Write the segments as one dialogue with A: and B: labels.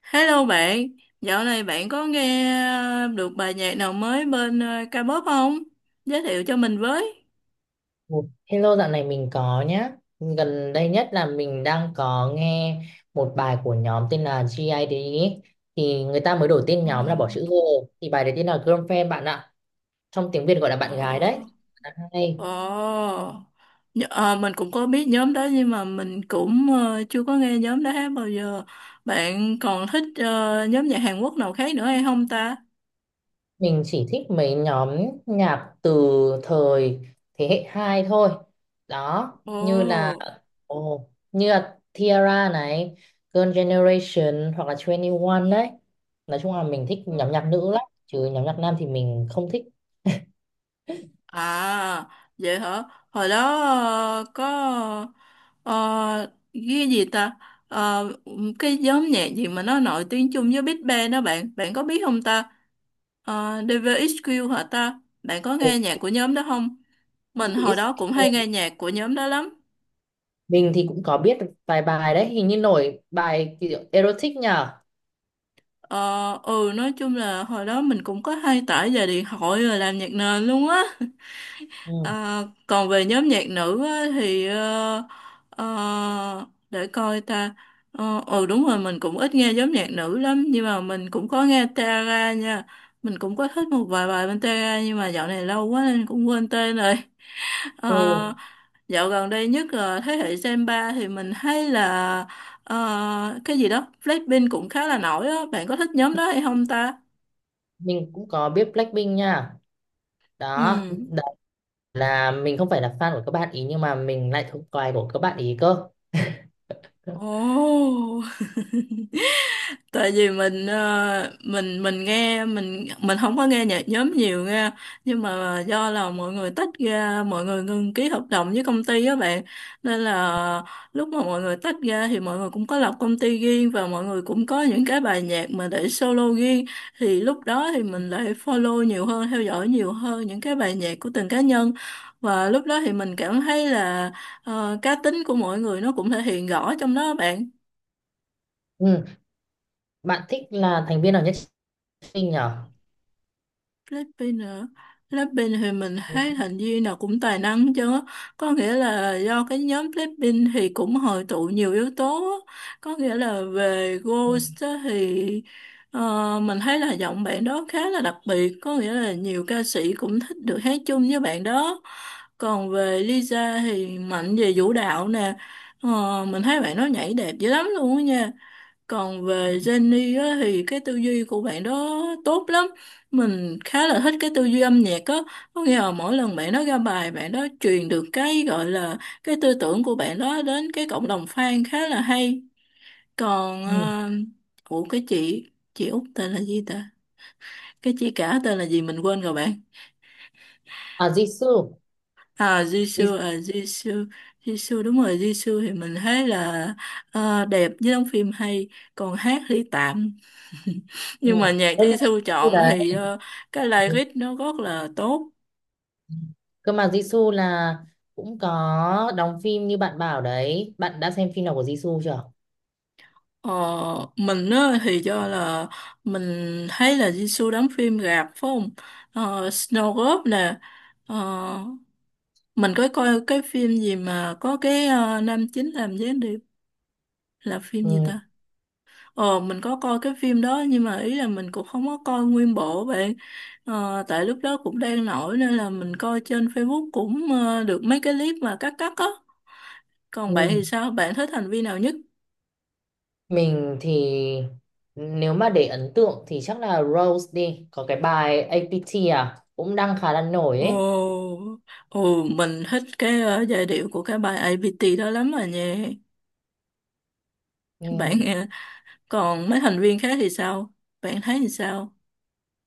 A: Hello bạn, dạo này bạn có nghe được bài nhạc nào mới bên K-pop không? Giới thiệu cho mình với.
B: Ồ, hello, dạo này mình có nhá. Gần đây nhất là mình đang có nghe một bài của nhóm tên là GID ấy. Thì người ta mới đổi tên
A: Ờ,
B: nhóm là bỏ chữ G. Thì bài đấy tên là Girlfriend bạn ạ. Trong tiếng Việt gọi là bạn gái đấy.
A: Ờ,
B: Hay.
A: ờ, mình cũng có biết nhóm đó nhưng mà mình cũng chưa có nghe nhóm đó hát bao giờ. Bạn còn thích nhóm nhạc Hàn Quốc nào khác nữa hay không ta?
B: Mình chỉ thích mấy nhóm nhạc từ thời thế hệ 2 thôi. Đó,
A: Ồ,
B: như là như là Tiara này, Girl Generation hoặc là 21 đấy. Nói chung là mình thích nhóm nhạc nữ lắm, chứ nhóm nhạc nam thì mình không thích.
A: à, vậy hả? Hồi đó có cái gì ta? Ờ, cái nhóm nhạc gì mà nó nổi tiếng chung với Big Bang đó bạn, bạn có biết không ta? Ờ, DVXQ hả ta? Bạn có
B: Ồ,
A: nghe nhạc của nhóm đó không? Mình hồi đó cũng hay nghe nhạc của nhóm đó lắm.
B: mình thì cũng có biết vài bài đấy, hình như nổi bài kiểu erotic nhở.
A: Ờ, ừ, nói chung là hồi đó mình cũng có hay tải về điện thoại rồi làm nhạc nền luôn á.
B: Ừ.
A: À, còn về nhóm nhạc nữ á, thì để coi ta. Ờ, ừ, đúng rồi, mình cũng ít nghe nhóm nhạc nữ lắm nhưng mà mình cũng có nghe Tara nha. Mình cũng có thích một vài bài bên Tara nhưng mà dạo này lâu quá nên cũng quên tên rồi.
B: Ừ.
A: Ờ, dạo gần đây nhất là thế hệ Gen 3 thì mình thấy là cái gì đó Blackpink cũng khá là nổi á, bạn có thích nhóm đó hay không ta?
B: Mình cũng có biết Blackpink nha. Đó,
A: Ừ,
B: là mình không phải là fan của các bạn ý nhưng mà mình lại thuộc bài của các bạn ý cơ.
A: ồ, tại vì mình nghe, mình không có nghe nhạc nhóm nhiều nghe, nhưng mà do là mọi người tách ra, mọi người ngừng ký hợp đồng với công ty á bạn, nên là lúc mà mọi người tách ra thì mọi người cũng có lập công ty riêng và mọi người cũng có những cái bài nhạc mà để solo riêng, thì lúc đó thì mình lại follow nhiều hơn, theo dõi nhiều hơn những cái bài nhạc của từng cá nhân, và lúc đó thì mình cảm thấy là cá tính của mọi người nó cũng thể hiện rõ trong đó bạn.
B: Ừ, bạn thích là thành viên nào nhất sinh nhỉ?
A: Philippines nữa. Philippines thì mình
B: Ừ.
A: thấy thành viên nào cũng tài năng chứ, có nghĩa là do cái nhóm Philippines thì cũng hội tụ nhiều yếu tố á. Có nghĩa là về
B: Ừ,
A: Ghost á thì mình thấy là giọng bạn đó khá là đặc biệt, có nghĩa là nhiều ca sĩ cũng thích được hát chung với bạn đó. Còn về Lisa thì mạnh về vũ đạo nè. Ờ, mình thấy bạn đó nhảy đẹp dữ lắm luôn á nha. Còn về Jenny á, thì cái tư duy của bạn đó tốt lắm. Mình khá là thích cái tư duy âm nhạc á. Có nghĩa là mỗi lần bạn đó ra bài, bạn đó truyền được cái gọi là cái tư tưởng của bạn đó đến cái cộng đồng fan khá là hay. Còn,
B: ừ.
A: ủa, chị Út tên là gì ta? Cái chị cả tên là gì mình quên rồi bạn.
B: À, Jisoo. Jisoo.
A: À, Jisoo, Jisoo, đúng rồi, Jisoo thì mình thấy là đẹp với đóng phim hay, còn hát thì tạm.
B: Ừ.
A: Nhưng mà nhạc
B: Ơ,
A: Di
B: nhưng mà Jisoo
A: chọn
B: đấy.
A: thì cái
B: Ừ,
A: lyric nó rất là tốt.
B: cơ mà Jisoo là cũng có đóng phim như bạn bảo đấy, bạn đã xem phim nào của Jisoo chưa?
A: ờ, mình á, thì do là mình thấy là Di đóng phim rạp phải không? Ờ, Snow Globe nè. ờ, mình có coi cái phim gì mà có cái nam chính làm gián điệp, là phim gì
B: Ừ.
A: ta? Ờ, mình có coi cái phim đó nhưng mà ý là mình cũng không có coi nguyên bộ bạn. Ờ, tại lúc đó cũng đang nổi nên là mình coi trên Facebook cũng được mấy cái clip mà cắt cắt á. Còn
B: Ừ,
A: bạn thì sao? Bạn thích hành vi nào nhất?
B: mình thì nếu mà để ấn tượng thì chắc là Rose đi, có cái bài APT à, cũng đang khá là nổi ấy.
A: Ồ, ồ, mình thích cái giai điệu của cái bài APT đó lắm rồi nha. Bạn
B: Ừ.
A: còn mấy thành viên khác thì sao? Bạn thấy thì sao?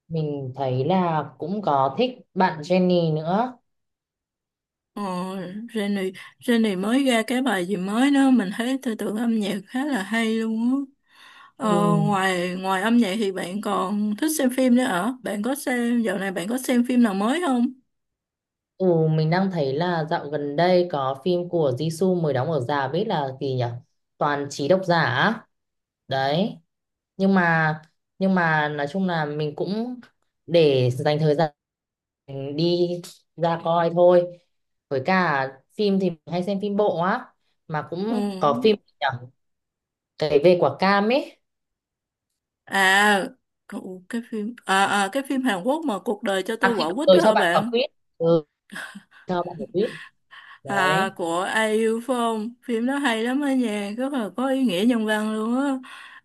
B: Mình thấy là cũng có thích bạn Jennie nữa.
A: Ồ, Jenny, Jenny mới ra cái bài gì mới đó mình thấy tư tưởng âm nhạc khá là hay luôn á.
B: Ừ.
A: Ờ, ngoài ngoài âm nhạc thì bạn còn thích xem phim nữa hả? Bạn có xem dạo này, bạn có xem phim nào mới không?
B: Ừ, mình đang thấy là dạo gần đây có phim của Jisoo mới đóng ở rạp, biết là gì nhỉ? Toàn trí độc giả á. Đấy. Nhưng mà nói chung là mình cũng để dành thời gian đi ra coi thôi. Với cả phim thì mình hay xem phim bộ á, mà
A: Ừ.
B: cũng có phim gì nhỉ? Cái về quả cam ấy.
A: À, cái phim, à, à cái phim Hàn Quốc mà cuộc đời cho tôi
B: À, khi
A: quả
B: cậu-
A: quýt
B: tôi
A: đó
B: cho
A: hả
B: bạn quả
A: bạn?
B: quýt. Ừ, cho bạn quả quýt.
A: À,
B: Đấy.
A: của Ai Yêu Phong, phim đó hay lắm á nha, rất là có ý nghĩa nhân văn luôn á.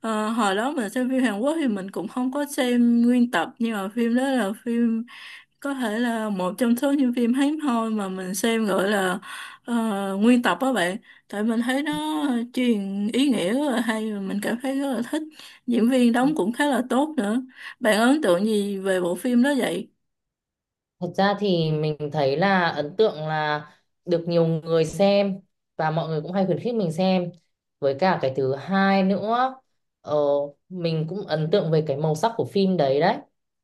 A: Ờ, hồi đó mình xem phim Hàn Quốc thì mình cũng không có xem nguyên tập nhưng mà phim đó là phim có thể là một trong số những phim hiếm hoi mà mình xem gọi là ờ, nguyên tập á bạn, tại mình thấy nó truyền ý nghĩa rất là hay và mình cảm thấy rất là thích, diễn viên đóng cũng khá là tốt nữa. Bạn ấn tượng gì về bộ phim đó vậy?
B: Thật ra thì mình thấy là ấn tượng là được nhiều người xem và mọi người cũng hay khuyến khích mình xem. Với cả cái thứ hai nữa, ờ, mình cũng ấn tượng về cái màu sắc của phim đấy đấy.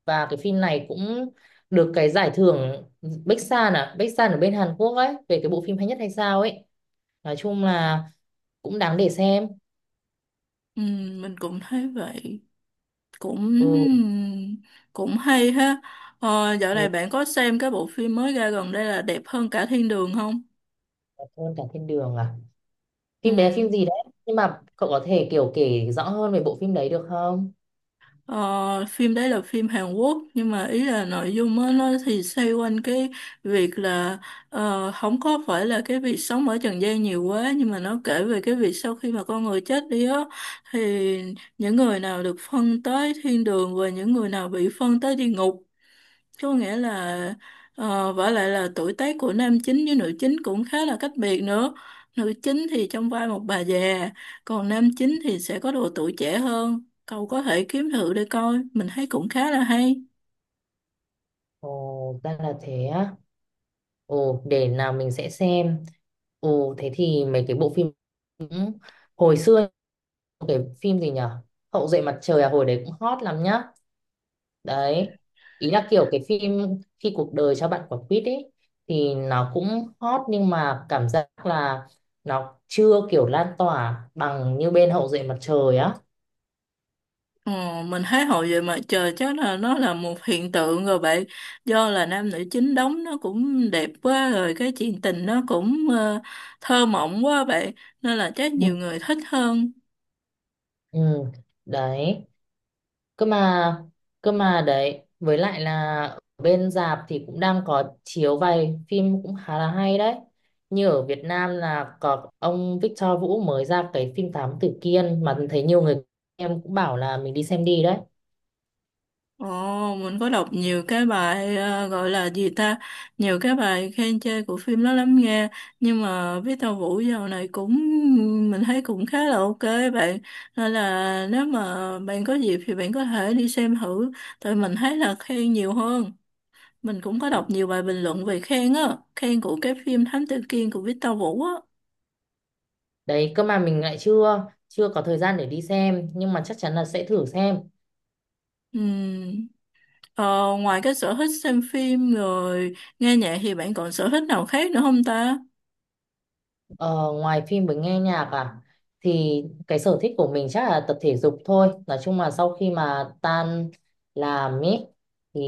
B: Và cái phim này cũng được cái giải thưởng Bách, à, Bách ở bên Hàn Quốc ấy, về cái bộ phim hay nhất hay sao ấy. Nói chung là cũng đáng để xem.
A: Ừ, mình cũng thấy vậy, cũng
B: Ừ,
A: cũng hay ha. Ờ, dạo này
B: ừ,
A: bạn có xem cái bộ phim mới ra gần đây là đẹp hơn cả thiên đường không?
B: cảm ơn cả thiên đường à.
A: Ừ.
B: Phim bé phim gì đấy? Nhưng mà cậu có thể kiểu kể rõ hơn về bộ phim đấy được không?
A: Ờ, phim đấy là phim Hàn Quốc nhưng mà ý là nội dung á, nó thì xoay quanh cái việc là không có phải là cái việc sống ở trần gian nhiều quá nhưng mà nó kể về cái việc sau khi mà con người chết đi á, thì những người nào được phân tới thiên đường và những người nào bị phân tới địa ngục, có nghĩa là vả lại là tuổi tác của nam chính với nữ chính cũng khá là cách biệt nữa. Nữ chính thì trong vai một bà già, còn nam chính thì sẽ có độ tuổi trẻ hơn. Cậu có thể kiếm thử để coi, mình thấy cũng khá là hay.
B: Ồ, ra là thế á. Ồ, để nào mình sẽ xem. Ồ, thế thì mấy cái bộ phim cũng- hồi xưa cái phim gì nhở, Hậu duệ mặt trời à, hồi đấy cũng hot lắm nhá. Đấy. Ý là kiểu cái phim khi cuộc đời cho bạn quả quýt ấy thì nó cũng hot nhưng mà cảm giác là nó chưa kiểu lan tỏa bằng như bên Hậu duệ mặt trời á.
A: Ờ, mình thấy hồi về mà trời chắc là nó là một hiện tượng rồi bạn, do là nam nữ chính đóng nó cũng đẹp quá rồi, cái chuyện tình nó cũng thơ mộng quá bạn, nên là chắc nhiều
B: Ừ.
A: người thích hơn.
B: Ừ. Đấy. Cơ mà đấy, với lại là ở bên rạp thì cũng đang có chiếu vài phim cũng khá là hay đấy, như ở Việt Nam là có ông Victor Vũ mới ra cái phim Thám Tử Kiên mà thấy nhiều người em cũng bảo là mình đi xem đi đấy.
A: Ồ, mình có đọc nhiều cái bài gọi là gì ta, nhiều cái bài khen chê của phim đó lắm nghe, nhưng mà biết Tàu Vũ dạo này cũng, mình thấy cũng khá là ok bạn, nên là nếu mà bạn có dịp thì bạn có thể đi xem thử, tại mình thấy là khen nhiều hơn. Mình cũng có đọc nhiều bài bình luận về khen á, khen của cái phim Thám Tử Kiên của Victor Vũ á.
B: Đấy, cơ mà mình lại chưa chưa có thời gian để đi xem nhưng mà chắc chắn là sẽ thử xem.
A: Ừm, ờ, ngoài cái sở thích xem phim rồi nghe nhạc thì bạn còn sở thích nào khác nữa không ta?
B: Ờ, ngoài phim với nghe nhạc à, thì cái sở thích của mình chắc là tập thể dục thôi, nói chung là sau khi mà tan làm ấy thì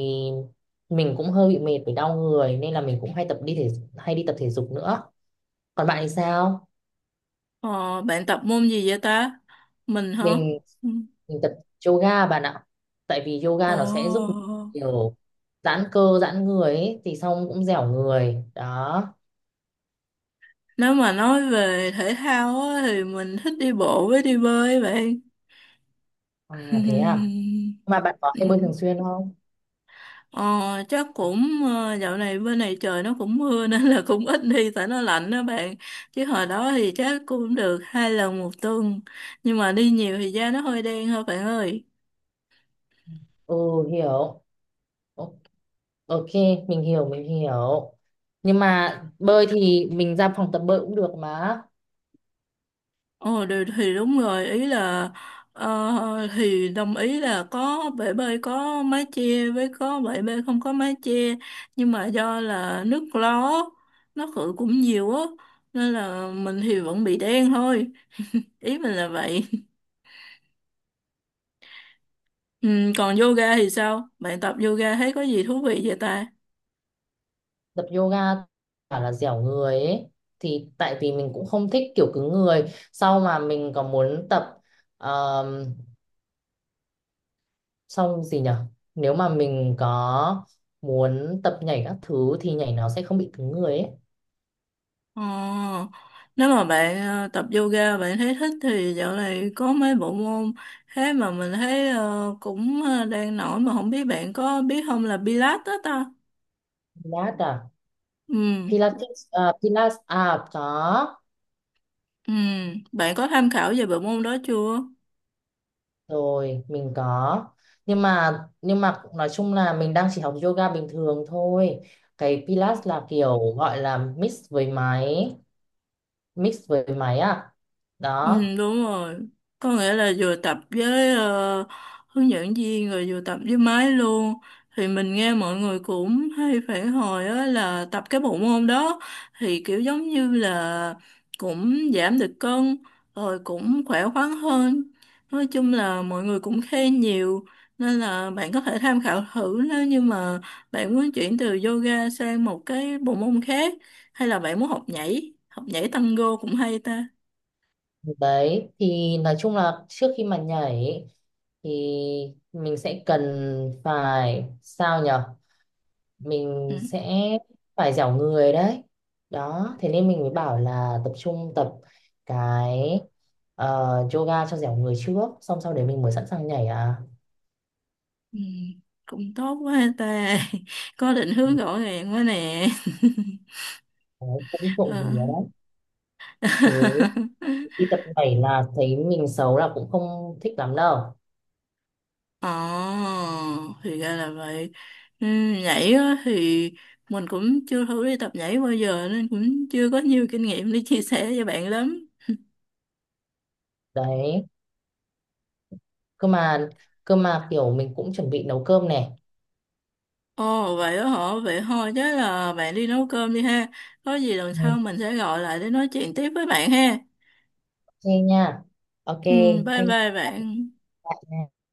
B: mình cũng hơi bị mệt với đau người nên là mình cũng hay tập đi thể hay đi tập thể dục nữa, còn bạn thì sao?
A: Ờ, bạn tập môn gì vậy ta? Mình hả?
B: mình,
A: Ừ.
B: mình tập yoga bạn ạ, tại vì
A: Ồ,
B: yoga nó sẽ giúp mình kiểu giãn cơ giãn người ấy, thì xong cũng dẻo người đó.
A: nếu mà nói về thể thao á, thì mình thích đi bộ với đi bơi bạn.
B: À thế à, mà bạn có hay bơi
A: Ừ.
B: thường xuyên không?
A: Ờ, chắc cũng dạo này bên này trời nó cũng mưa nên là cũng ít đi tại nó lạnh đó bạn. Chứ hồi đó thì chắc cũng được 2 lần 1 tuần. Nhưng mà đi nhiều thì da nó hơi đen thôi bạn ơi.
B: Ừ, hiểu. Ok. Ok, mình hiểu, mình hiểu. Nhưng mà bơi thì mình ra phòng tập bơi cũng được mà.
A: Ờ thì đúng rồi, ý là thì đồng ý là có bể bơi có mái che với có bể bơi không có mái che, nhưng mà do là nước lo á, nó khử cũng nhiều á, nên là mình thì vẫn bị đen thôi. Ý mình là vậy. Ừ, còn yoga thì sao, bạn tập yoga thấy có gì thú vị vậy ta?
B: Tập yoga bảo là dẻo người ấy. Thì tại vì mình cũng không thích kiểu cứng người. Sau mà mình có muốn tập um, xong gì nhở? Nếu mà mình có muốn tập nhảy các thứ thì nhảy nó sẽ không bị cứng người ấy.
A: Ờ, nếu mà bạn tập yoga bạn thấy thích thì dạo này có mấy bộ môn thế mà mình thấy đang nổi mà không biết bạn có biết không, là Pilates đó ta.
B: Pilates à?
A: Ừ,
B: Pilates, à, Pilates à, có.
A: ừ, bạn có tham khảo về bộ môn đó chưa?
B: Rồi, mình có, nhưng mà nói chung là mình đang chỉ học yoga bình thường thôi, cái Pilates là kiểu gọi là mix với máy, mix với máy à?
A: Ừ,
B: Đó.
A: đúng rồi. Có nghĩa là vừa tập với hướng dẫn viên rồi vừa tập với máy luôn. Thì mình nghe mọi người cũng hay phản hồi á là tập cái bộ môn đó thì kiểu giống như là cũng giảm được cân, rồi cũng khỏe khoắn hơn. Nói chung là mọi người cũng khen nhiều, nên là bạn có thể tham khảo thử nếu như mà bạn muốn chuyển từ yoga sang một cái bộ môn khác. Hay là bạn muốn học nhảy? Học nhảy tango cũng hay ta.
B: Đấy, thì nói chung là trước khi mà nhảy thì mình sẽ cần phải sao nhở,
A: Ừ.
B: mình sẽ phải dẻo người đấy, đó thế nên mình mới bảo là tập trung tập cái yoga cho dẻo người trước xong sau đấy mình mới sẵn sàng nhảy à.
A: Ừ, cũng tốt quá ta. Có định hướng rõ ràng quá nè.
B: Đấy, cũng trộm vía
A: ờ
B: đấy. Chứ đi tập nhảy là thấy mình xấu là cũng không thích lắm đâu.
A: Ờ, thì ra là vậy. Ừ, nhảy á, thì mình cũng chưa thử đi tập nhảy bao giờ nên cũng chưa có nhiều kinh nghiệm để chia sẻ cho bạn lắm.
B: Đấy, cơ mà kiểu mình cũng chuẩn bị nấu cơm này.
A: Ồ, vậy đó hả, vậy thôi chắc là bạn đi nấu cơm đi ha, có gì lần sau
B: Ừ,
A: mình sẽ gọi lại để nói chuyện tiếp với bạn ha.
B: ok nha, ok,
A: Ừ, bye
B: thank
A: bye bạn.
B: you.